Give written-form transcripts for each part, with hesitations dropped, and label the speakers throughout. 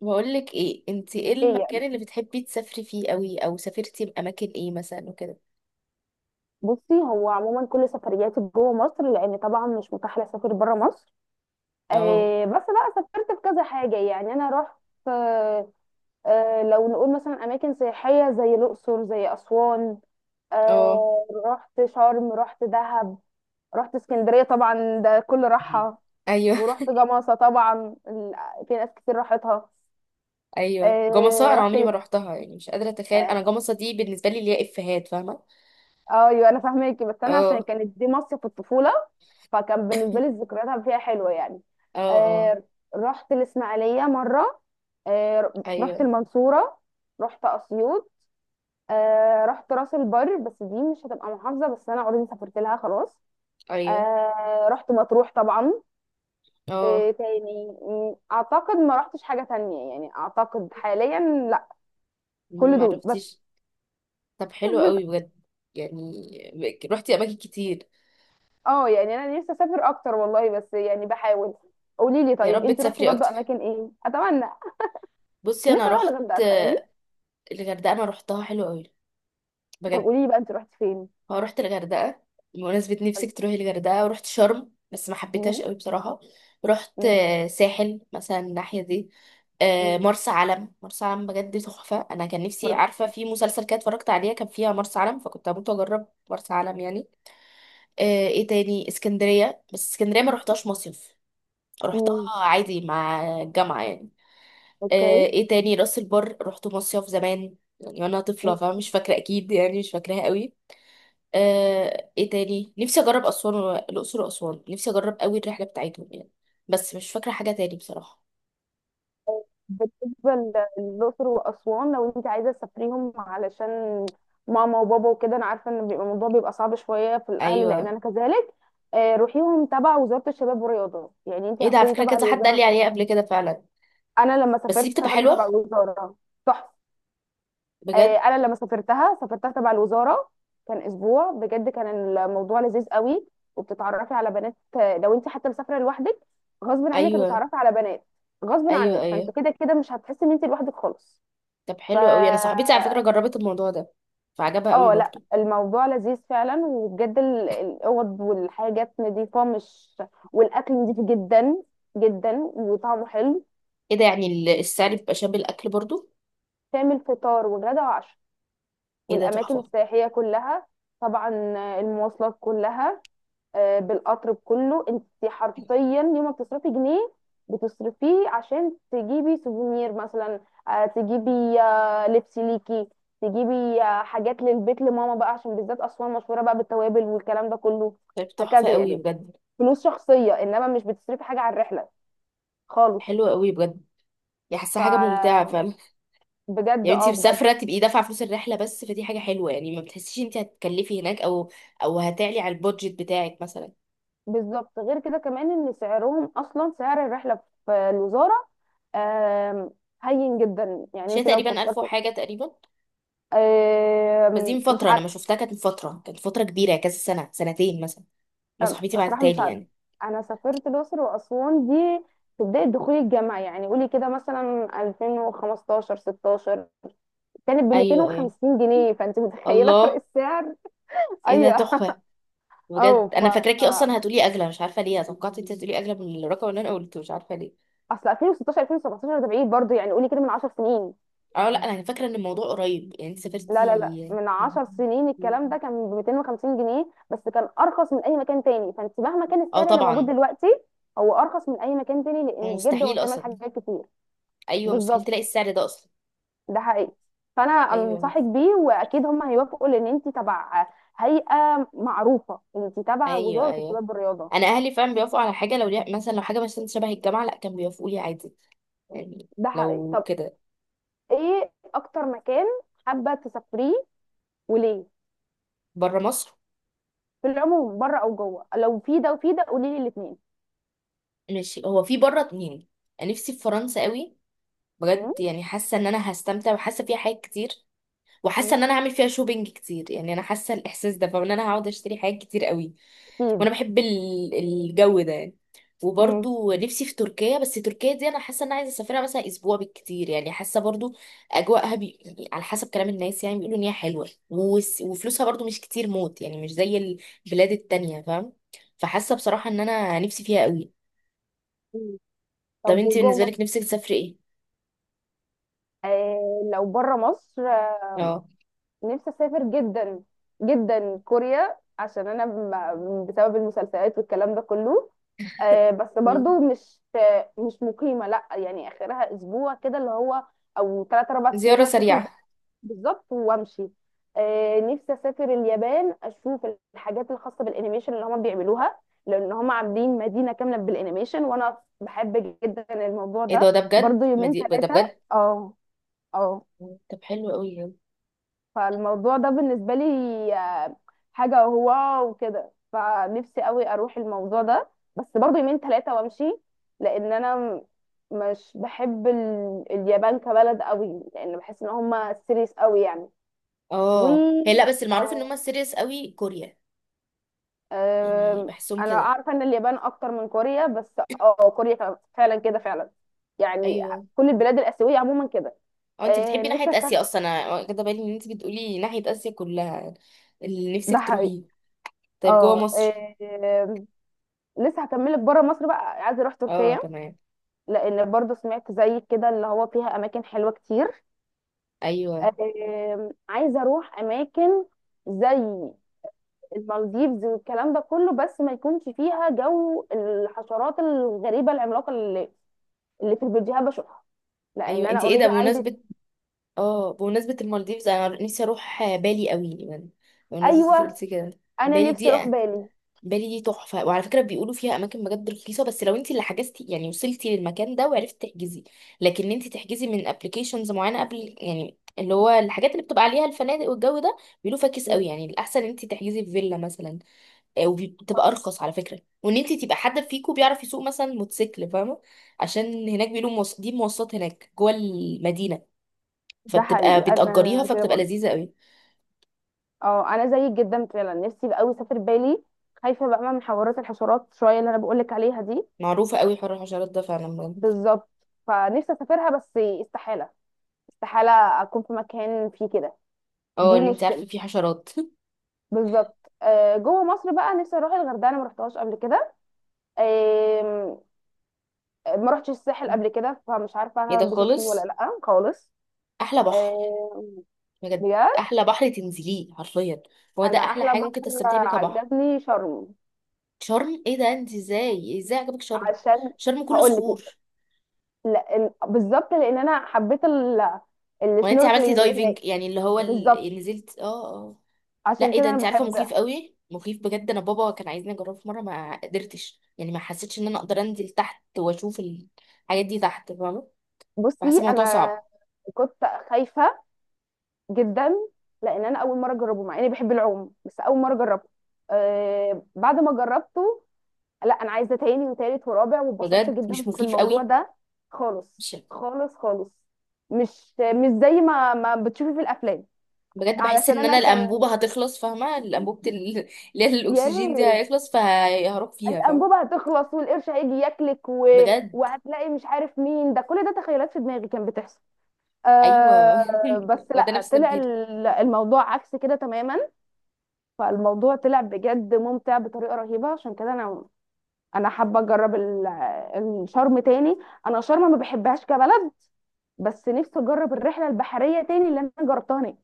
Speaker 1: بقول لك ايه؟ انت ايه
Speaker 2: ايه يعني؟
Speaker 1: المكان اللي بتحبي تسافري فيه قوي، او سافرتي باماكن ايه مثلا وكده؟
Speaker 2: بصي هو عموما كل سفرياتي جوه مصر، لان طبعا مش متاح لي اسافر بره مصر.
Speaker 1: اه.
Speaker 2: بس بقى سافرت في كذا حاجه، يعني انا رحت. آه، آه، لو نقول مثلا اماكن سياحيه زي الاقصر، زي اسوان.
Speaker 1: اه.
Speaker 2: آه رحت شرم، رحت دهب. رحت اسكندريه، طبعا ده كل راحه.
Speaker 1: ايوه.
Speaker 2: ورحت جمصه، طبعا في ناس كتير راحتها.
Speaker 1: ايوه، جمصة
Speaker 2: آه
Speaker 1: انا
Speaker 2: رحت
Speaker 1: عمري ما روحتها، يعني مش قادره اتخيل
Speaker 2: آه.
Speaker 1: انا جمصة دي بالنسبه لي اللي هي افيهات، فاهمه.
Speaker 2: آه، ايوه، انا فاهماكي، بس انا عشان
Speaker 1: اه،
Speaker 2: كانت دي مصيف في الطفوله، فكان بالنسبه لي الذكريات فيها حلوه يعني.
Speaker 1: اه، اه،
Speaker 2: آه. رحت الاسماعيليه مره. آه رحت
Speaker 1: ايوه،
Speaker 2: المنصوره. رحت اسيوط. آه رحت راس البر، بس دي مش هتبقى محافظه، بس انا اوريدي سافرت لها خلاص.
Speaker 1: ايوه،
Speaker 2: آه رحت مطروح طبعا.
Speaker 1: اه.
Speaker 2: آه تاني اعتقد ما رحتش حاجه تانية يعني، اعتقد حاليا. لا، كل
Speaker 1: ما
Speaker 2: دول بس.
Speaker 1: روحتيش. طب حلو قوي بجد، يعني روحتي اماكن كتير.
Speaker 2: اه يعني انا نفسي اسافر اكتر والله، بس يعني بحاول. قولي لي
Speaker 1: يا
Speaker 2: طيب،
Speaker 1: رب
Speaker 2: انت رحتي
Speaker 1: تسافري
Speaker 2: برضه
Speaker 1: اكتر.
Speaker 2: اماكن ايه؟ اتمنى.
Speaker 1: بصي انا
Speaker 2: نفسي اروح
Speaker 1: روحت
Speaker 2: الغردقه تخيلي.
Speaker 1: الغردقه، انا روحتها حلو قوي
Speaker 2: طب
Speaker 1: بجد.
Speaker 2: قولي لي بقى، انت رحتي فين؟
Speaker 1: اه رحت الغردقة بمناسبة نفسك تروحي الغردقة، ورحت شرم بس ما
Speaker 2: مم.
Speaker 1: حبيتهاش قوي بصراحة. رحت
Speaker 2: مم.
Speaker 1: ساحل مثلا، الناحية دي.
Speaker 2: مم.
Speaker 1: مرسى علم. مرسى علم بجد تحفة. أنا كان
Speaker 2: ما
Speaker 1: نفسي،
Speaker 2: رحت.
Speaker 1: عارفة في مسلسل كده اتفرجت عليها كان فيها مرسى علم، فكنت هموت وأجرب مرسى علم يعني. ايه تاني؟ اسكندرية، بس اسكندرية ما رحتهاش مصيف،
Speaker 2: مم.
Speaker 1: رحتها عادي مع الجامعة يعني.
Speaker 2: اوكي.
Speaker 1: ايه تاني؟ راس البر رحت مصيف زمان، يعني وانا
Speaker 2: مم.
Speaker 1: طفلة، فمش فاكرة اكيد يعني، مش فاكراها قوي. ايه تاني؟ نفسي اجرب اسوان الاقصر واسوان، نفسي اجرب قوي الرحله بتاعتهم يعني، بس مش فاكره حاجه تاني بصراحه.
Speaker 2: بالنسبه للاقصر واسوان، لو انت عايزه تسافريهم علشان ماما وبابا وكده، انا عارفه ان بيبقى الموضوع بيبقى صعب شويه في الاهل، لان
Speaker 1: ايوه.
Speaker 2: انا كذلك. روحيهم تبع وزاره الشباب والرياضه، يعني انت
Speaker 1: ايه ده، على
Speaker 2: هتكوني
Speaker 1: فكره
Speaker 2: تبع
Speaker 1: كذا حد قال
Speaker 2: الوزاره
Speaker 1: لي عليها
Speaker 2: صح؟
Speaker 1: قبل كده فعلا.
Speaker 2: انا لما
Speaker 1: بس دي
Speaker 2: سافرت
Speaker 1: بتبقى
Speaker 2: سافرت
Speaker 1: حلوه
Speaker 2: تبع الوزاره. تحفه.
Speaker 1: بجد.
Speaker 2: انا لما سافرتها سافرتها تبع الوزاره. كان اسبوع بجد، كان الموضوع لذيذ قوي. وبتتعرفي على بنات، لو انت حتى مسافره لوحدك، غصب عنك
Speaker 1: ايوه.
Speaker 2: هتتعرفي على بنات، غصب
Speaker 1: ايوه.
Speaker 2: عنك، فانت
Speaker 1: ايوه.
Speaker 2: كده كده مش هتحسي ان انت لوحدك خالص.
Speaker 1: طب
Speaker 2: ف
Speaker 1: حلو قوي، انا صاحبتي على فكره جربت الموضوع ده فعجبها قوي
Speaker 2: اه لا،
Speaker 1: برضو.
Speaker 2: الموضوع لذيذ فعلا، وبجد الاوض والحاجات نظيفه، مش، والاكل نظيف جدا جدا، وطعمه حلو.
Speaker 1: ايه ده، يعني السعر بيبقى شامل الاكل برضو؟
Speaker 2: تعمل فطار وغدا وعشاء،
Speaker 1: ايه ده
Speaker 2: والاماكن
Speaker 1: تحفه.
Speaker 2: السياحيه كلها، طبعا المواصلات كلها. آه، بالقطر بكله، انت حرفيا يوم ما بتصرفي جنيه بتصرفيه عشان تجيبي سوفونير مثلا، تجيبي لبس ليكي، تجيبي حاجات للبيت لماما بقى، عشان بالذات اسوان مشهوره بقى بالتوابل والكلام ده كله،
Speaker 1: طيب تحفه
Speaker 2: هكذا
Speaker 1: قوي
Speaker 2: يعني.
Speaker 1: بجد.
Speaker 2: فلوس شخصيه، انما مش بتصرفي حاجه على الرحله خالص.
Speaker 1: حلوه قوي بجد، يعني حاسه
Speaker 2: ف
Speaker 1: حاجه ممتعه فعلا.
Speaker 2: بجد،
Speaker 1: يعني انت
Speaker 2: اه بجد.
Speaker 1: مسافره تبقي دافعه فلوس الرحله بس، فدي حاجه حلوه يعني، ما بتحسيش انت هتكلفي هناك، او هتعلي على البودجت بتاعك مثلا.
Speaker 2: بالظبط، غير كده كمان ان سعرهم، اصلا سعر الرحله في الوزاره آم، هين جدا، يعني
Speaker 1: شيء
Speaker 2: انت لو
Speaker 1: تقريبا 1000
Speaker 2: فكرت.
Speaker 1: وحاجه تقريبا، بس دي من
Speaker 2: مش
Speaker 1: فتره، انا ما
Speaker 2: عارفه.
Speaker 1: شفتها، كانت من فتره، كانت فتره كبيره، كذا سنه سنتين مثلا، ما صاحبتي
Speaker 2: الصراحه
Speaker 1: بعتتها
Speaker 2: مش
Speaker 1: لي
Speaker 2: عارفه.
Speaker 1: يعني.
Speaker 2: انا سافرت الاقصر واسوان دي في بدايه دخولي الجامعه، يعني قولي كده مثلا 2015 16، كانت ب
Speaker 1: ايوه، ايوه.
Speaker 2: 250 جنيه، فانت متخيله فرق
Speaker 1: الله.
Speaker 2: السعر؟
Speaker 1: ايه ده
Speaker 2: ايوه.
Speaker 1: تحفه.
Speaker 2: او
Speaker 1: بجد
Speaker 2: ف
Speaker 1: انا فاكراكي اصلا هتقولي اغلى، مش عارفه ليه توقعت انت هتقولي اغلى من الرقم اللي انا قلته، مش عارفه ليه.
Speaker 2: اصل 2016 2017 ده بعيد برضه، يعني قولي كده من 10 سنين.
Speaker 1: اه لا انا فاكره ان الموضوع قريب يعني، انت
Speaker 2: لا لا لا،
Speaker 1: سافرتي
Speaker 2: من 10 سنين الكلام ده كان ب 250 جنيه، بس كان ارخص من اي مكان تاني، فانت مهما كان
Speaker 1: اه
Speaker 2: السعر اللي موجود
Speaker 1: طبعا.
Speaker 2: دلوقتي، هو ارخص من اي مكان تاني، لان بجد هو
Speaker 1: ومستحيل
Speaker 2: شامل
Speaker 1: اصلا.
Speaker 2: حاجات كتير.
Speaker 1: ايوه مستحيل
Speaker 2: بالظبط،
Speaker 1: تلاقي السعر ده اصلا.
Speaker 2: ده حقيقي. فانا
Speaker 1: ايوه،
Speaker 2: انصحك بيه، واكيد هم هيوافقوا، لان انت تبع هيئه معروفه، انت تبع
Speaker 1: ايوه.
Speaker 2: وزاره
Speaker 1: ايوه،
Speaker 2: الشباب والرياضه.
Speaker 1: انا اهلي فعلا بيوافقوا على حاجه لو ليها مثلا، لو حاجه مثلا شبه الجامعه، لا كانوا بيوافقوا لي عادي يعني،
Speaker 2: ده حقيقي.
Speaker 1: لو
Speaker 2: طب،
Speaker 1: كده.
Speaker 2: ايه اكتر مكان حابه تسافريه وليه؟
Speaker 1: بره مصر.
Speaker 2: في العموم، بره او جوه، لو في ده وفي ده قولي لي الاثنين.
Speaker 1: ماشي، هو في بره اتنين. أنا نفسي في فرنسا قوي، بجد يعني حاسه ان انا هستمتع، وحاسه فيها حاجات كتير، وحاسه ان انا هعمل فيها شوبينج كتير يعني، انا حاسه الاحساس ده فان انا هقعد اشتري حاجات كتير قوي.
Speaker 2: اكيد.
Speaker 1: وانا بحب الجو ده يعني.
Speaker 2: مم.
Speaker 1: وبرضو نفسي في تركيا، بس تركيا دي انا حاسه ان انا عايزه اسافرها مثلا اسبوع بالكتير يعني، حاسه برضو اجواءها على حسب كلام الناس يعني، بيقولوا ان هي حلوه وفلوسها برضو مش كتير موت، يعني مش زي البلاد التانية فاهم، فحاسه بصراحه ان انا نفسي فيها قوي. طب
Speaker 2: طب
Speaker 1: انت
Speaker 2: وجوه
Speaker 1: بالنسبه
Speaker 2: مصر؟
Speaker 1: لك نفسك تسافري ايه؟
Speaker 2: آه لو بره مصر،
Speaker 1: اه.
Speaker 2: نفسي اسافر جدا جدا كوريا، عشان انا بسبب المسلسلات والكلام ده كله. آه، بس
Speaker 1: مم.
Speaker 2: برضو مش مقيمة، لا، يعني اخرها اسبوع كده، اللي هو او ثلاث اربع
Speaker 1: زياره
Speaker 2: ايام اشوف
Speaker 1: سريعه.
Speaker 2: البلد. بالظبط وامشي. نفسي اسافر اليابان، اشوف الحاجات الخاصة بالانيميشن اللي هم بيعملوها، لان هم عاملين مدينة كاملة بالانيميشن، وانا بحب جدا الموضوع
Speaker 1: ايه ده،
Speaker 2: ده،
Speaker 1: ده بجد
Speaker 2: برضو
Speaker 1: ما
Speaker 2: يومين
Speaker 1: دي... ده
Speaker 2: ثلاثة،
Speaker 1: بجد.
Speaker 2: اه. اه.
Speaker 1: مم. طب حلو قوي.
Speaker 2: فالموضوع ده بالنسبة لي آه، حاجة واو وكده، فنفسي قوي اروح الموضوع ده، بس برضه يومين ثلاثة وامشي. لان انا مش بحب اليابان كبلد قوي، لان بحس ان هم سيريس قوي يعني. و
Speaker 1: اه، هي لا، بس المعروف ان هم سيريس قوي، كوريا يعني
Speaker 2: آم،
Speaker 1: بحسهم
Speaker 2: انا
Speaker 1: كده.
Speaker 2: عارفة ان اليابان اكتر من كوريا، بس اه كوريا فعلا كده فعلا يعني.
Speaker 1: ايوه.
Speaker 2: كل البلاد الآسيوية عموما كده.
Speaker 1: اه، انت
Speaker 2: آه،
Speaker 1: بتحبي
Speaker 2: نفسي
Speaker 1: ناحية اسيا
Speaker 2: أسافر.
Speaker 1: اصلا، انا واخدة بالي ان انت بتقولي ناحية اسيا كلها. اللي
Speaker 2: ده
Speaker 1: نفسك
Speaker 2: حقيقي.
Speaker 1: تروحيه. طيب جوه
Speaker 2: اه،
Speaker 1: مصر.
Speaker 2: آه، لسه هكملك. بره مصر بقى عايزه اروح
Speaker 1: اه
Speaker 2: تركيا،
Speaker 1: تمام.
Speaker 2: لان برضو سمعت زيك كده اللي هو فيها اماكن حلوه كتير.
Speaker 1: ايوه،
Speaker 2: عايزه اروح اماكن زي المالديفز والكلام ده كله، بس ما يكونش فيها جو الحشرات الغريبه العملاقه اللي في الفيديوهات بشوفها، لان
Speaker 1: ايوه.
Speaker 2: انا
Speaker 1: انت ايه ده،
Speaker 2: اوريدي عندي.
Speaker 1: بمناسبة، اه بمناسبة المالديفز انا نفسي اروح بالي قوي يعني. بمناسبة
Speaker 2: ايوه.
Speaker 1: قلت كده.
Speaker 2: انا
Speaker 1: بالي
Speaker 2: نفسي
Speaker 1: دي،
Speaker 2: اروح بالي.
Speaker 1: بالي دي تحفة، وعلى فكرة بيقولوا فيها اماكن بجد رخيصة، بس لو انت اللي حجزتي يعني، وصلتي للمكان ده وعرفتي تحجزي. لكن انت تحجزي من ابلكيشنز معينة قبل، يعني اللي هو الحاجات اللي بتبقى عليها الفنادق والجو ده، بيقولوا فاكس قوي، يعني الاحسن انت تحجزي في فيلا مثلا. وبتبقى ارخص على فكره، وان انت تبقى حد فيكو بيعرف يسوق مثلا موتوسيكل، فاهمه، عشان هناك بيقولوا دي مواصلات هناك جوه المدينه،
Speaker 2: ده
Speaker 1: فبتبقى
Speaker 2: حقيقي،
Speaker 1: بتأجريها،
Speaker 2: انا كده
Speaker 1: فبتبقى
Speaker 2: برضه.
Speaker 1: لذيذه قوي.
Speaker 2: اه انا زيك جدا فعلا، نفسي قوي اسافر بالي. خايفه بقى من حوارات الحشرات شويه اللي انا بقولك عليها دي.
Speaker 1: معروفه قوي حوار الحشرات ده فعلا بجد.
Speaker 2: بالظبط، فنفسي اسافرها بس استحاله. استحاله اكون في مكان فيه كده.
Speaker 1: اه
Speaker 2: دي
Speaker 1: ان انت
Speaker 2: مشكله.
Speaker 1: عارفه في حشرات
Speaker 2: بالظبط. جوه مصر بقى نفسي اروح الغردقه، انا ما رحتهاش قبل كده. آم، ما رحتش الساحل قبل كده، فمش عارفه
Speaker 1: ايه
Speaker 2: انا
Speaker 1: ده
Speaker 2: هنبسط فيه ولا
Speaker 1: خالص،
Speaker 2: لا خالص.
Speaker 1: احلى بحر
Speaker 2: آم،
Speaker 1: بجد.
Speaker 2: بجد.
Speaker 1: احلى بحر تنزليه حرفيا، هو ده
Speaker 2: انا
Speaker 1: احلى
Speaker 2: احلى
Speaker 1: حاجه ممكن
Speaker 2: بحر
Speaker 1: تستمتعي بيها كبحر.
Speaker 2: عجبني شرم.
Speaker 1: شرم؟ ايه ده، انت ازاي عجبك شرم؟
Speaker 2: عشان
Speaker 1: شرم كله
Speaker 2: هقول لك،
Speaker 1: صخور.
Speaker 2: لا بالظبط، لان انا حبيت
Speaker 1: وانت عملتي
Speaker 2: السنوركلينج اللي
Speaker 1: دايفنج،
Speaker 2: هناك.
Speaker 1: يعني اللي هو
Speaker 2: بالظبط،
Speaker 1: نزلت، اه. اه،
Speaker 2: عشان
Speaker 1: لا، ايه ده،
Speaker 2: كده انا
Speaker 1: انت عارفه
Speaker 2: بحب.
Speaker 1: مخيف قوي، مخيف بجد، انا بابا كان عايزني اجربه في مره ما قدرتش، يعني ما حسيتش ان انا اقدر انزل تحت واشوف الحاجات دي تحت فاهمه، بحس
Speaker 2: بصي
Speaker 1: الموضوع
Speaker 2: انا
Speaker 1: صعب.
Speaker 2: كنت خايفه جدا، لان انا اول مره اجربه، مع اني بحب العوم، بس اول مره جربته. آه بعد ما جربته، لا انا عايزه تاني وتالت ورابع، واتبسطت
Speaker 1: بجد
Speaker 2: جدا
Speaker 1: مش
Speaker 2: في
Speaker 1: مخيف
Speaker 2: الموضوع
Speaker 1: قوي؟
Speaker 2: ده، خالص
Speaker 1: مش
Speaker 2: خالص خالص. مش زي ما بتشوفي في الافلام.
Speaker 1: بجد، بحس
Speaker 2: علشان
Speaker 1: ان انا
Speaker 2: انا كان،
Speaker 1: الانبوبه هتخلص، فاهمه الانبوبه اللي هي
Speaker 2: يا
Speaker 1: الاكسجين دي
Speaker 2: ريت،
Speaker 1: هيخلص، فهروح فيها، فاهمه.
Speaker 2: الانبوبه هتخلص، والقرش هيجي ياكلك،
Speaker 1: بجد.
Speaker 2: وهتلاقي مش عارف مين، ده كل ده تخيلات في دماغي كانت بتحصل.
Speaker 1: ايوه
Speaker 2: آه بس
Speaker 1: وده
Speaker 2: لا،
Speaker 1: نفس
Speaker 2: طلع
Speaker 1: تفكيري.
Speaker 2: الموضوع عكس كده تماما. فالموضوع طلع بجد ممتع بطريقه رهيبه، عشان كده انا حابه اجرب الشرم تاني. انا شرم ما بحبهاش كبلد، بس نفسي اجرب الرحله البحريه تاني اللي انا جربتها هناك.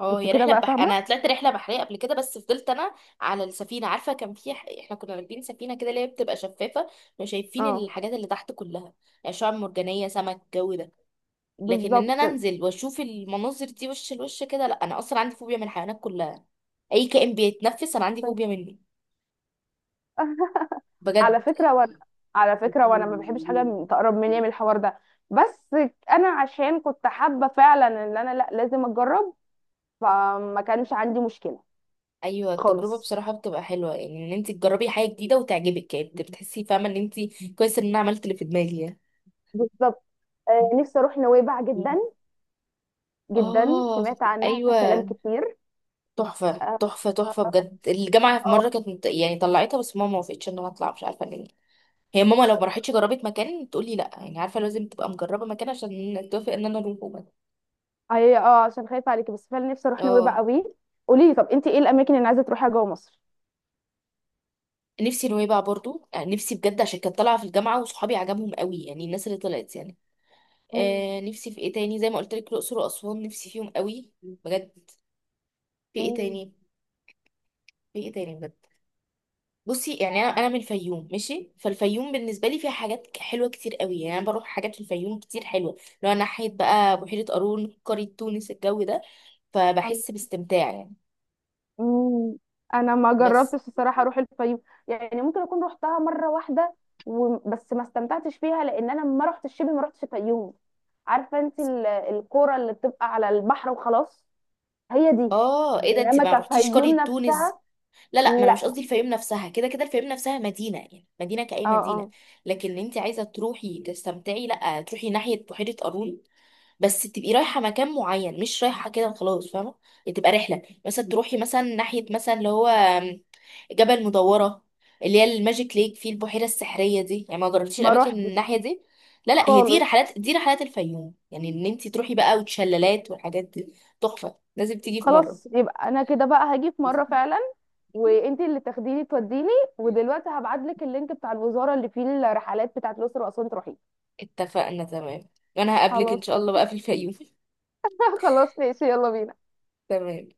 Speaker 1: اه
Speaker 2: انت
Speaker 1: هي
Speaker 2: كده
Speaker 1: رحله
Speaker 2: بقى فاهمه.
Speaker 1: انا طلعت رحله بحريه قبل كده، بس فضلت انا على السفينه، عارفه كان في احنا كنا راكبين سفينه كده اللي هي بتبقى شفافه، مش شايفين
Speaker 2: اه
Speaker 1: الحاجات اللي تحت كلها، يعني شعاب مرجانيه، سمك، الجو ده. لكن ان
Speaker 2: بالظبط،
Speaker 1: انا انزل واشوف المناظر دي وش لوش كده، لا، انا اصلا عندي فوبيا من الحيوانات كلها، اي كائن بيتنفس انا عندي
Speaker 2: عشان
Speaker 1: فوبيا منه،
Speaker 2: على
Speaker 1: بجد.
Speaker 2: فكره وانا، على فكره وانا ما بحبش حاجه تقرب مني من الحوار ده، بس انا عشان كنت حابه فعلا ان انا لا لازم اجرب، فما كانش عندي مشكله
Speaker 1: ايوه التجربه
Speaker 2: خالص.
Speaker 1: بصراحه بتبقى حلوه، يعني ان انت تجربي حاجه جديده وتعجبك، يعني بتحسي فاهمه ان انت كويس ان انا عملت اللي في دماغي
Speaker 2: بالظبط. نفسي اروح نويبع
Speaker 1: يعني.
Speaker 2: جدا جدا،
Speaker 1: اه.
Speaker 2: سمعت عنها كلام
Speaker 1: ايوه.
Speaker 2: كتير.
Speaker 1: تحفه
Speaker 2: اه.
Speaker 1: تحفه تحفه
Speaker 2: اه.
Speaker 1: بجد، الجامعه في مره
Speaker 2: آه.
Speaker 1: كانت يعني طلعتها، بس ماما ما وافقتش ان انا اطلع، مش عارفه ليه. هي ماما لو ما راحتش جربت مكان تقولي لا، يعني عارفه لازم تبقى مجربه مكان عشان توافق ان انا اروح، وبس.
Speaker 2: هي اه، عشان خايفة عليكي، بس فعلا نفسي اروح نويبع
Speaker 1: اه
Speaker 2: قوي. قولي لي طب، انت ايه الاماكن اللي عايزة تروحيها جوه مصر؟
Speaker 1: نفسي نويبع برضو، نفسي بجد عشان كانت طالعه في الجامعه وصحابي عجبهم قوي، يعني الناس اللي طلعت يعني.
Speaker 2: مم.
Speaker 1: نفسي في ايه تاني، زي ما قلت لك الاقصر واسوان نفسي فيهم قوي بجد. في ايه
Speaker 2: مم.
Speaker 1: تاني؟ في ايه تاني بجد؟ بصي يعني، انا من الفيوم ماشي، فالفيوم بالنسبه لي فيها حاجات حلوه كتير قوي، يعني انا بروح حاجات في الفيوم كتير حلوه. لو انا ناحيه بقى بحيره قارون، قريه تونس، الجو ده
Speaker 2: عن-
Speaker 1: فبحس باستمتاع يعني.
Speaker 2: مم. انا ما
Speaker 1: بس،
Speaker 2: جربتش الصراحة اروح الفيوم، يعني ممكن اكون روحتها مرة واحدة بس ما استمتعتش فيها، لان انا ما رحتش شبه، ما رحتش الفيوم، عارفة انت الكورة اللي بتبقى على البحر وخلاص. هي دي،
Speaker 1: اه ايه ده، انت
Speaker 2: انما
Speaker 1: ما رحتيش
Speaker 2: كفيوم
Speaker 1: قريه تونس؟
Speaker 2: نفسها.
Speaker 1: لا لا، ما انا مش
Speaker 2: لا.
Speaker 1: قصدي الفيوم نفسها، كده كده الفيوم نفسها مدينه يعني، مدينه كأي
Speaker 2: اه
Speaker 1: مدينه.
Speaker 2: اه.
Speaker 1: لكن انت عايزه تروحي تستمتعي، لا تروحي ناحيه بحيره قارون، بس تبقي رايحه مكان معين، مش رايحه كده خلاص، فاهمه يعني، تبقى رحله مثلا، تروحي مثلا ناحيه مثلا، اللي هو جبل مدوره، اللي هي الماجيك ليك، في البحيره السحريه دي. يعني ما جربتيش
Speaker 2: ما
Speaker 1: الاماكن
Speaker 2: روحتش
Speaker 1: الناحيه دي؟ لا لا، هي دي
Speaker 2: خالص.
Speaker 1: رحلات، دي رحلات الفيوم، يعني ان انت تروحي بقى، وتشلالات والحاجات دي. تحفه، لازم تيجي في مره.
Speaker 2: خلاص يبقى انا كده بقى هاجي في مره فعلا، وانت اللي تاخديني توديني. ودلوقتي هبعتلك اللينك بتاع الوزاره اللي فيه الرحلات بتاعت الاقصر واسوان تروحي.
Speaker 1: اتفقنا، تمام. وانا هقابلك ان
Speaker 2: خلاص.
Speaker 1: شاء الله بقى في الفيوم
Speaker 2: خلاص ماشي، يلا بينا.
Speaker 1: تمام.